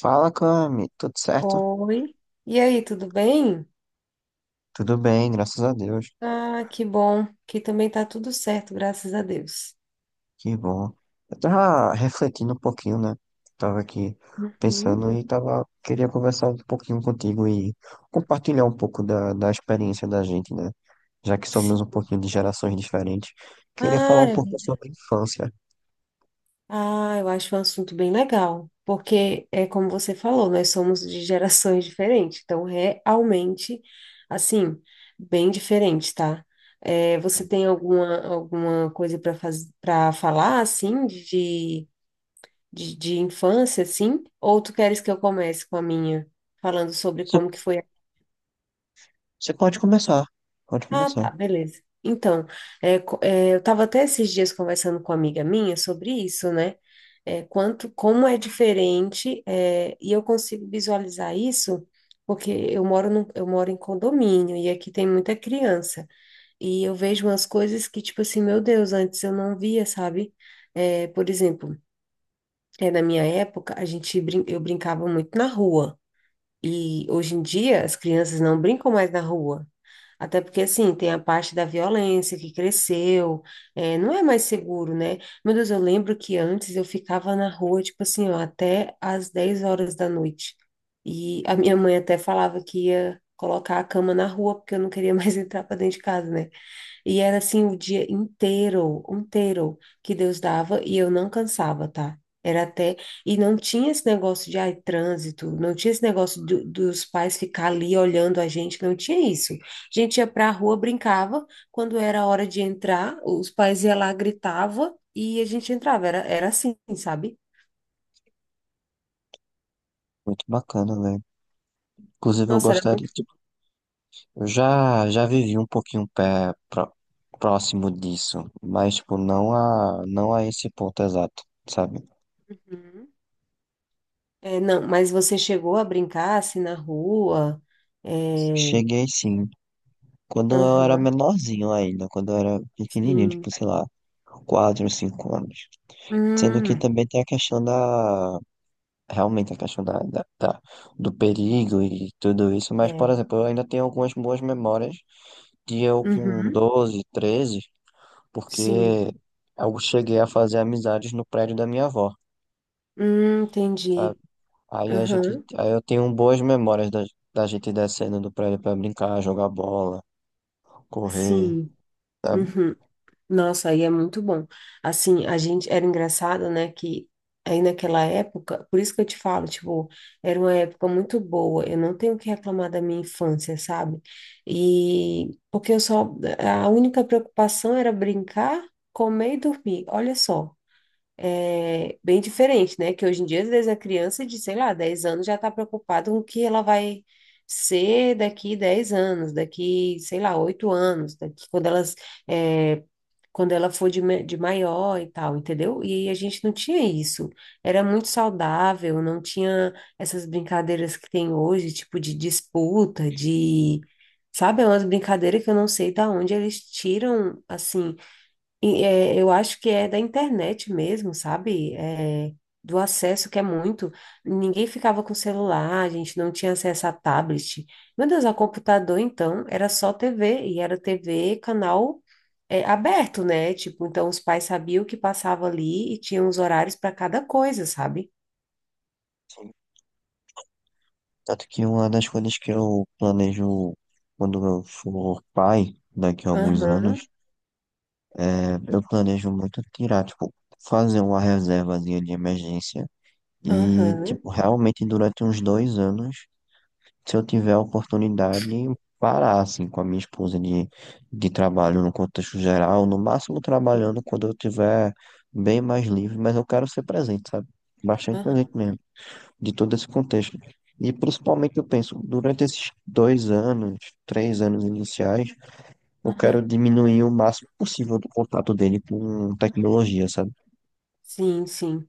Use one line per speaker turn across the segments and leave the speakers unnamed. Fala, Cami, tudo certo?
Oi. E aí, tudo bem?
Tudo bem, graças a Deus.
Ah, que bom. Que também tá tudo certo, graças a Deus.
Que bom. Eu tava refletindo um pouquinho, né? Tava aqui
Uhum.
pensando e tava, queria conversar um pouquinho contigo e compartilhar um pouco da experiência da gente, né? Já que somos um
Sim.
pouquinho de gerações diferentes. Queria falar
Ah,
um pouco
eu
sobre a infância.
eu acho um assunto bem legal, porque é como você falou, nós somos de gerações diferentes, então realmente, assim, bem diferente, tá? É, você tem alguma coisa para para falar, assim, de infância, assim? Ou tu queres que eu comece com a minha, falando sobre como que
Você
foi.
você pode começar, pode
Ah,
começar.
tá, beleza. Então, eu estava até esses dias conversando com uma amiga minha sobre isso, né? Como é diferente, e eu consigo visualizar isso porque eu moro em condomínio e aqui tem muita criança. E eu vejo umas coisas que, tipo assim, meu Deus, antes eu não via, sabe? Por exemplo, na minha época, a gente brin eu brincava muito na rua. E hoje em dia as crianças não brincam mais na rua. Até porque, assim, tem a parte da violência que cresceu, não é mais seguro, né? Meu Deus, eu lembro que antes eu ficava na rua, tipo assim, ó, até às 10 horas da noite. E a minha mãe até falava que ia colocar a cama na rua, porque eu não queria mais entrar para dentro de casa, né? E era assim o dia inteiro, inteiro que Deus dava e eu não cansava, tá? Era até. E não tinha esse negócio de ai, trânsito, não tinha esse negócio dos pais ficar ali olhando a gente, não tinha isso. A gente ia pra rua, brincava, quando era hora de entrar, os pais iam lá, gritava e a gente entrava. Era assim, sabe?
Muito bacana, velho. Inclusive, eu
Nossa, era.
gostaria.
Muito.
Eu já vivi um pouquinho próximo disso, mas tipo, não a, não a esse ponto exato, sabe?
Uhum. É, não, mas você chegou a brincar assim na rua? É.
Cheguei sim, quando eu era
Aham,
menorzinho ainda, quando eu era pequenininho, tipo,
sim.
sei lá, 4 5 anos. Sendo que
Hum,
também tem a questão da, realmente a questão da do perigo e tudo isso, mas, por
é.
exemplo, eu ainda tenho algumas boas memórias de eu com
Uhum,
12 13, porque
sim.
eu cheguei a fazer amizades no prédio da minha avó.
Entendi.
Aí a gente,
Aham,
aí eu tenho boas memórias da gente descendo do prédio pra brincar, jogar bola, correr,
sim.
sabe?
Uhum. Nossa, aí é muito bom. Assim, a gente era engraçado, né, que aí naquela época, por isso que eu te falo, tipo, era uma época muito boa. Eu não tenho o que reclamar da minha infância, sabe? E porque eu só, a única preocupação era brincar, comer e dormir. Olha só. É, bem diferente, né? Que hoje em dia, às vezes, a criança de, sei lá, 10 anos já está preocupada com o que ela vai ser daqui 10 anos, daqui, sei lá, 8 anos, daqui quando é, quando ela for de, de maior e tal, entendeu? E a gente não tinha isso. Era muito saudável, não tinha essas brincadeiras que tem hoje, tipo de disputa, de. Sabe, é umas brincadeiras que eu não sei da onde eles tiram, assim, eu acho que é da internet mesmo, sabe? É, do acesso que é muito. Ninguém ficava com celular, a gente não tinha acesso a tablet. Meu Deus, a computador, então, era só TV, e era TV, canal, aberto, né? Tipo, então os pais sabiam o que passava ali e tinham os horários para cada coisa, sabe?
Sim. Tanto que uma das coisas que eu planejo quando eu for pai, daqui a alguns
Aham,
anos, é, eu planejo muito tirar, tipo, fazer uma reservazinha de emergência e,
aham,
tipo, realmente durante uns 2 anos se eu tiver a oportunidade, parar assim com a minha esposa de trabalho no contexto geral, no máximo trabalhando quando eu tiver bem mais livre, mas eu quero ser presente, sabe? Bastante
aham,
presente mesmo, de todo esse contexto. E principalmente eu penso, durante esses 2 anos, 3 anos iniciais, eu
aham.
quero diminuir o máximo possível do contato dele com tecnologia, sabe?
Sim, sim.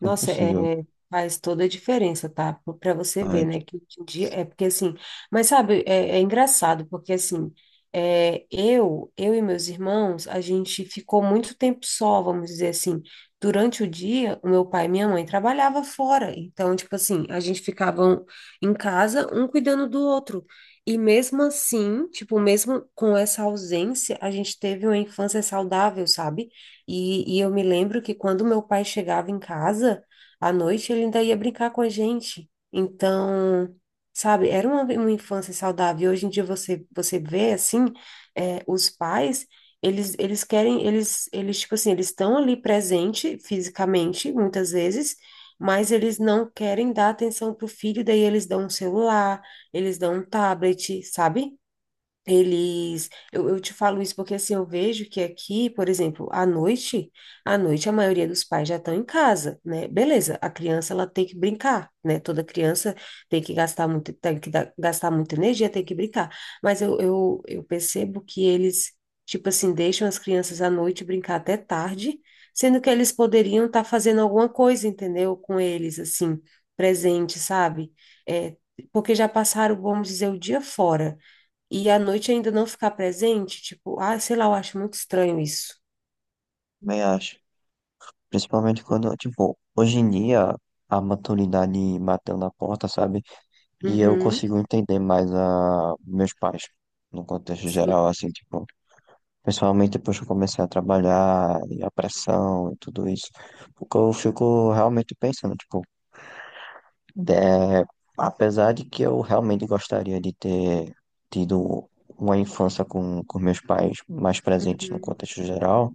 Como
Nossa,
possível.
é, faz toda a diferença, tá? Para você
Ah,
ver,
eu
né? Que hoje em dia é porque assim, mas sabe, é engraçado, porque assim, eu e meus irmãos, a gente ficou muito tempo só, vamos dizer assim. Durante o dia, o meu pai e minha mãe trabalhava fora, então, tipo assim, a gente ficava um- em casa, um cuidando do outro. E mesmo assim, tipo, mesmo com essa ausência, a gente teve uma infância saudável, sabe? E eu me lembro que quando meu pai chegava em casa, à noite ele ainda ia brincar com a gente. Então, sabe, era uma infância saudável. E hoje em dia você vê, assim, os pais, eles querem, eles, tipo assim, eles estão ali presente fisicamente, muitas vezes, mas eles não querem dar atenção pro filho, daí eles dão um celular, eles dão um tablet, sabe? Eu te falo isso porque assim, eu vejo que aqui, por exemplo, à noite a maioria dos pais já estão em casa, né? Beleza, a criança ela tem que brincar, né? Toda criança tem que gastar muito, tem que gastar muita energia, tem que brincar. Mas eu percebo que eles, tipo assim, deixam as crianças à noite brincar até tarde, sendo que eles poderiam estar fazendo alguma coisa, entendeu? Com eles, assim, presente, sabe? É, porque já passaram, vamos dizer, o dia fora. E à noite ainda não ficar presente, tipo, ah, sei lá, eu acho muito estranho isso.
também acho. Principalmente quando, tipo, hoje em dia a maturidade bateu na porta, sabe? E eu
Uhum,
consigo entender mais a meus pais, no contexto
sim,
geral, assim, tipo, principalmente depois que eu comecei a trabalhar, e a pressão e tudo isso, porque eu fico realmente pensando, tipo, é, apesar de que eu realmente gostaria de ter tido uma infância com meus pais mais presentes no
uhum,
contexto geral,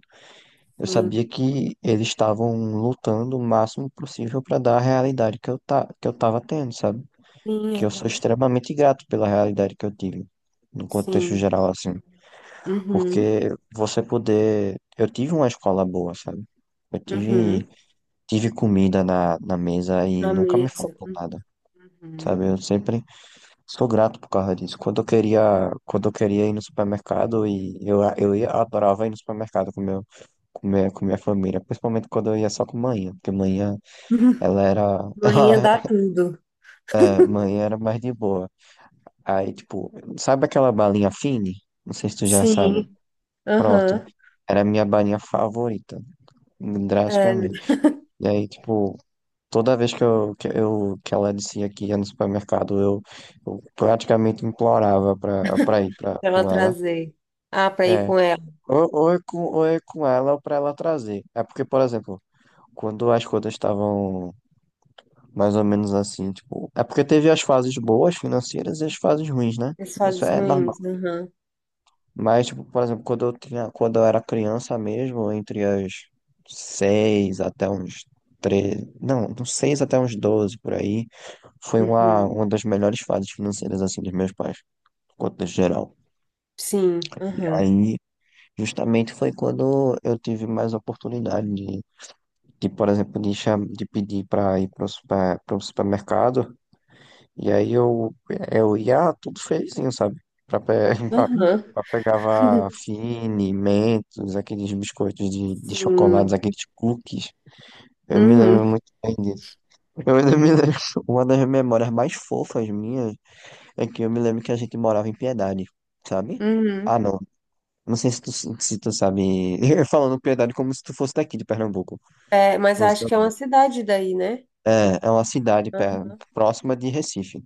eu
sim,
sabia que eles estavam lutando o máximo possível para dar a realidade que que eu tava tendo, sabe?
sim,
Que eu sou
aham,
extremamente grato pela realidade que eu tive, no contexto
sim,
geral, assim,
uhum,
porque você poder. Eu tive uma escola boa, sabe? Eu tive,
uhum,
tive comida na mesa e
na
nunca me
mesa,
faltou nada,
uhum.
sabe? Eu sempre sou grato por causa disso. Quando eu queria ir no supermercado e eu ia, adorava ir no supermercado com meu, com minha família, principalmente quando eu ia só com manhã, porque manhã ela era, ela,
Manhã dá tudo.
é, mãe era mais de boa. Aí, tipo, sabe aquela balinha Fine? Não sei se tu já sabe.
Sim,
Pronto.
aham,
Era a minha balinha favorita,
é,
drasticamente. E aí, tipo, toda vez que ela dizia que ia no supermercado, eu praticamente implorava pra, pra ir pra,
pra ela
com ela.
trazer. Ah, pra ir
É.
com ela.
Ou é com ela ou pra ela trazer. É porque, por exemplo, quando as coisas estavam mais ou menos assim, tipo. É porque teve as fases boas financeiras e as fases ruins, né? Isso
Pessoas
é normal.
ruins, aham,
Mas, tipo, por exemplo, quando eu tinha, quando eu era criança mesmo, entre as seis até uns 13, não, dos seis até uns 12 por aí, foi uma
uhum,
das melhores fases financeiras, assim, dos meus pais, no contexto geral.
sim,
E
aham,
aí, justamente foi quando eu tive mais oportunidade de por exemplo, de pedir para ir para o supermercado. E aí eu ia tudo feizinho, sabe? Pra, pe... pra,
aham,
pra pegava Fini, Mentos, aqueles biscoitos de chocolates,
sim,
aqueles cookies. Eu me lembro
uhum,
muito bem disso. Eu ainda me lembro. Uma das memórias mais fofas minhas é que eu me lembro que a gente morava em Piedade, sabe?
uhum.
Ah, não. Não sei se tu sabe. Eu falando Piedade como se tu fosse daqui de Pernambuco.
É, mas
Você-
acho que é uma cidade daí, né?
É, é uma cidade
Aham.
próxima de Recife.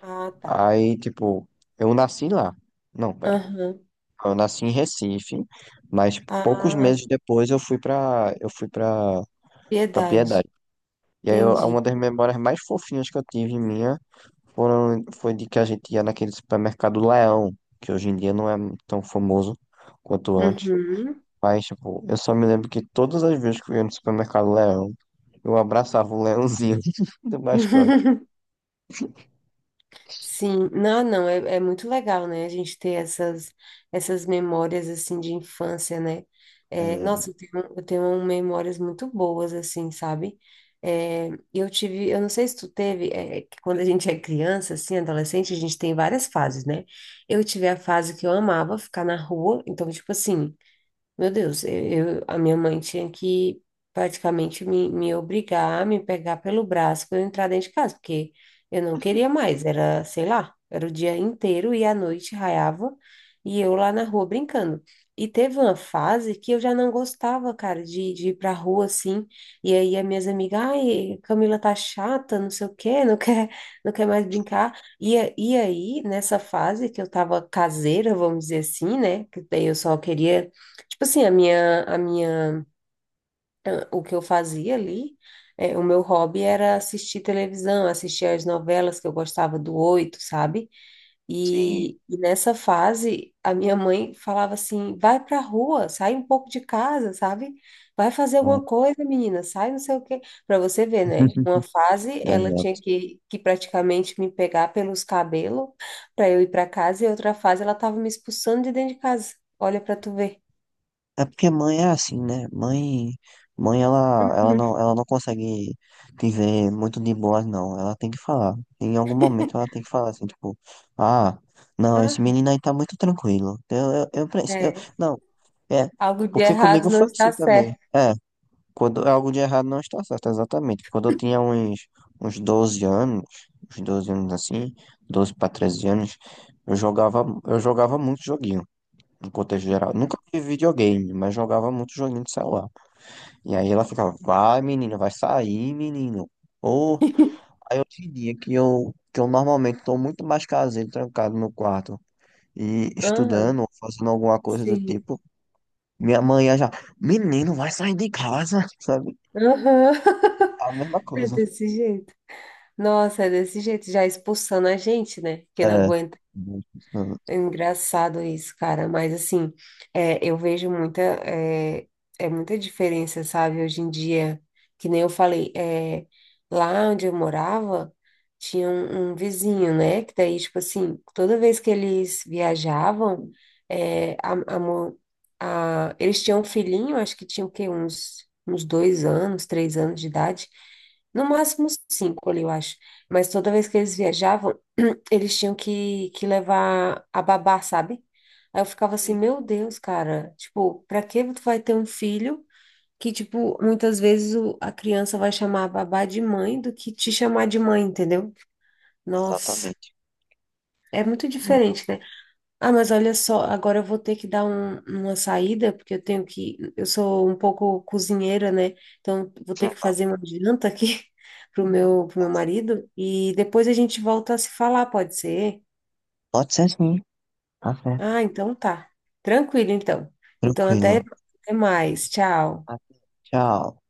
Ah, tá.
Aí, tipo, eu nasci lá. Não, pera.
Aham.
Eu nasci em Recife, mas poucos
Ah,
meses depois eu fui para
piedade.
Piedade. E aí eu-
Entendi.
uma das memórias mais fofinhas que eu tive minha foram foi de que a gente ia naquele supermercado Leão, que hoje em dia não é tão famoso quanto antes.
Uhum.
Mas, tipo, eu só me lembro que todas as vezes que eu ia no supermercado Leão, eu abraçava o leãozinho do mascote.
Sim. Não, não, é, é muito legal, né? A gente ter essas, essas memórias, assim, de infância, né? É,
Exato.
nossa, eu tenho memórias muito boas, assim, sabe? Eu não sei se tu teve, é, que quando a gente é criança, assim, adolescente, a gente tem várias fases, né? Eu tive a fase que eu amava ficar na rua, então, tipo assim... Meu Deus, a minha mãe tinha que praticamente me obrigar, me pegar pelo braço para eu entrar dentro de casa, porque eu não queria mais, era, sei lá, era o dia inteiro e à noite raiava e eu lá na rua brincando. E teve uma fase que eu já não gostava, cara, de ir pra rua assim, e aí as minhas amigas, ai, Camila tá chata, não sei o quê, não quer, não quer mais brincar. E aí, nessa fase que eu tava caseira, vamos dizer assim, né, que daí eu só queria. Tipo assim, o que eu fazia ali, é, o meu hobby era assistir televisão, assistir as novelas que eu gostava do Oito, sabe?
Sim.
E nessa fase, a minha mãe falava assim, vai pra rua, sai um pouco de casa, sabe? Vai fazer
Então,
alguma coisa, menina, sai não sei o quê. Pra você ver, né? Uma fase, ela tinha
exato.
que praticamente me pegar pelos cabelos pra eu ir pra casa, e outra fase, ela tava me expulsando de dentro de casa. Olha pra tu ver.
É porque mãe é assim, né? Mãe, mãe ela não consegue te ver muito de boas, não. Ela tem que falar. Em algum momento ela tem que falar assim, tipo, ah, não, esse menino aí tá muito tranquilo. Eu, eu, eu,
Ah,
preci- eu-
é.
não, é,
Algo de
porque
errado
comigo
não
foi assim
está
também.
certo.
É, quando é algo de errado não está certo, exatamente. Quando eu tinha uns, uns 12 anos, uns 12 anos assim, 12 para 13 anos, eu jogava muito joguinho no contexto geral. Nunca
Uhum.
tive videogame, mas jogava muito joguinho de celular. E aí ela ficava, vai, menino, vai sair, menino. Ou aí eu tinha que eu normalmente estou muito mais caseiro, trancado no quarto e estudando,
Aham,
ou fazendo alguma coisa do
sim.
tipo. Minha mãe ia já, menino, vai sair de casa, sabe?
Aham,
A mesma
é
coisa.
desse jeito. Nossa, é desse jeito, já expulsando a gente, né? Que não
É.
aguenta. É engraçado isso, cara, mas assim, eu vejo muita, é muita diferença, sabe? Hoje em dia, que nem eu falei, é, lá onde eu morava, tinha um vizinho, né? Que daí, tipo assim, toda vez que eles viajavam, é, a, a, mo- eles tinham um filhinho, acho que tinha o quê? Uns dois anos, três anos de idade, no máximo cinco ali, eu acho. Mas toda vez que eles viajavam, eles tinham que levar a babá, sabe? Aí eu ficava assim,
Sim,
meu Deus, cara, tipo, pra que tu vai ter um filho que, tipo, muitas vezes a criança vai chamar a babá de mãe do que te chamar de mãe, entendeu? Nossa,
exatamente.
é muito
Exatamente.
diferente, né? Ah, mas olha só, agora eu vou ter que dar uma saída, porque eu tenho que, eu sou um pouco cozinheira, né? Então, vou ter que fazer uma janta aqui pro meu marido e depois a gente volta a se falar, pode ser?
Pode ser sim, tá certo.
Ah, então tá. Tranquilo, então. Então,
Tranquilo.
até mais. Tchau.
Tá. Tchau.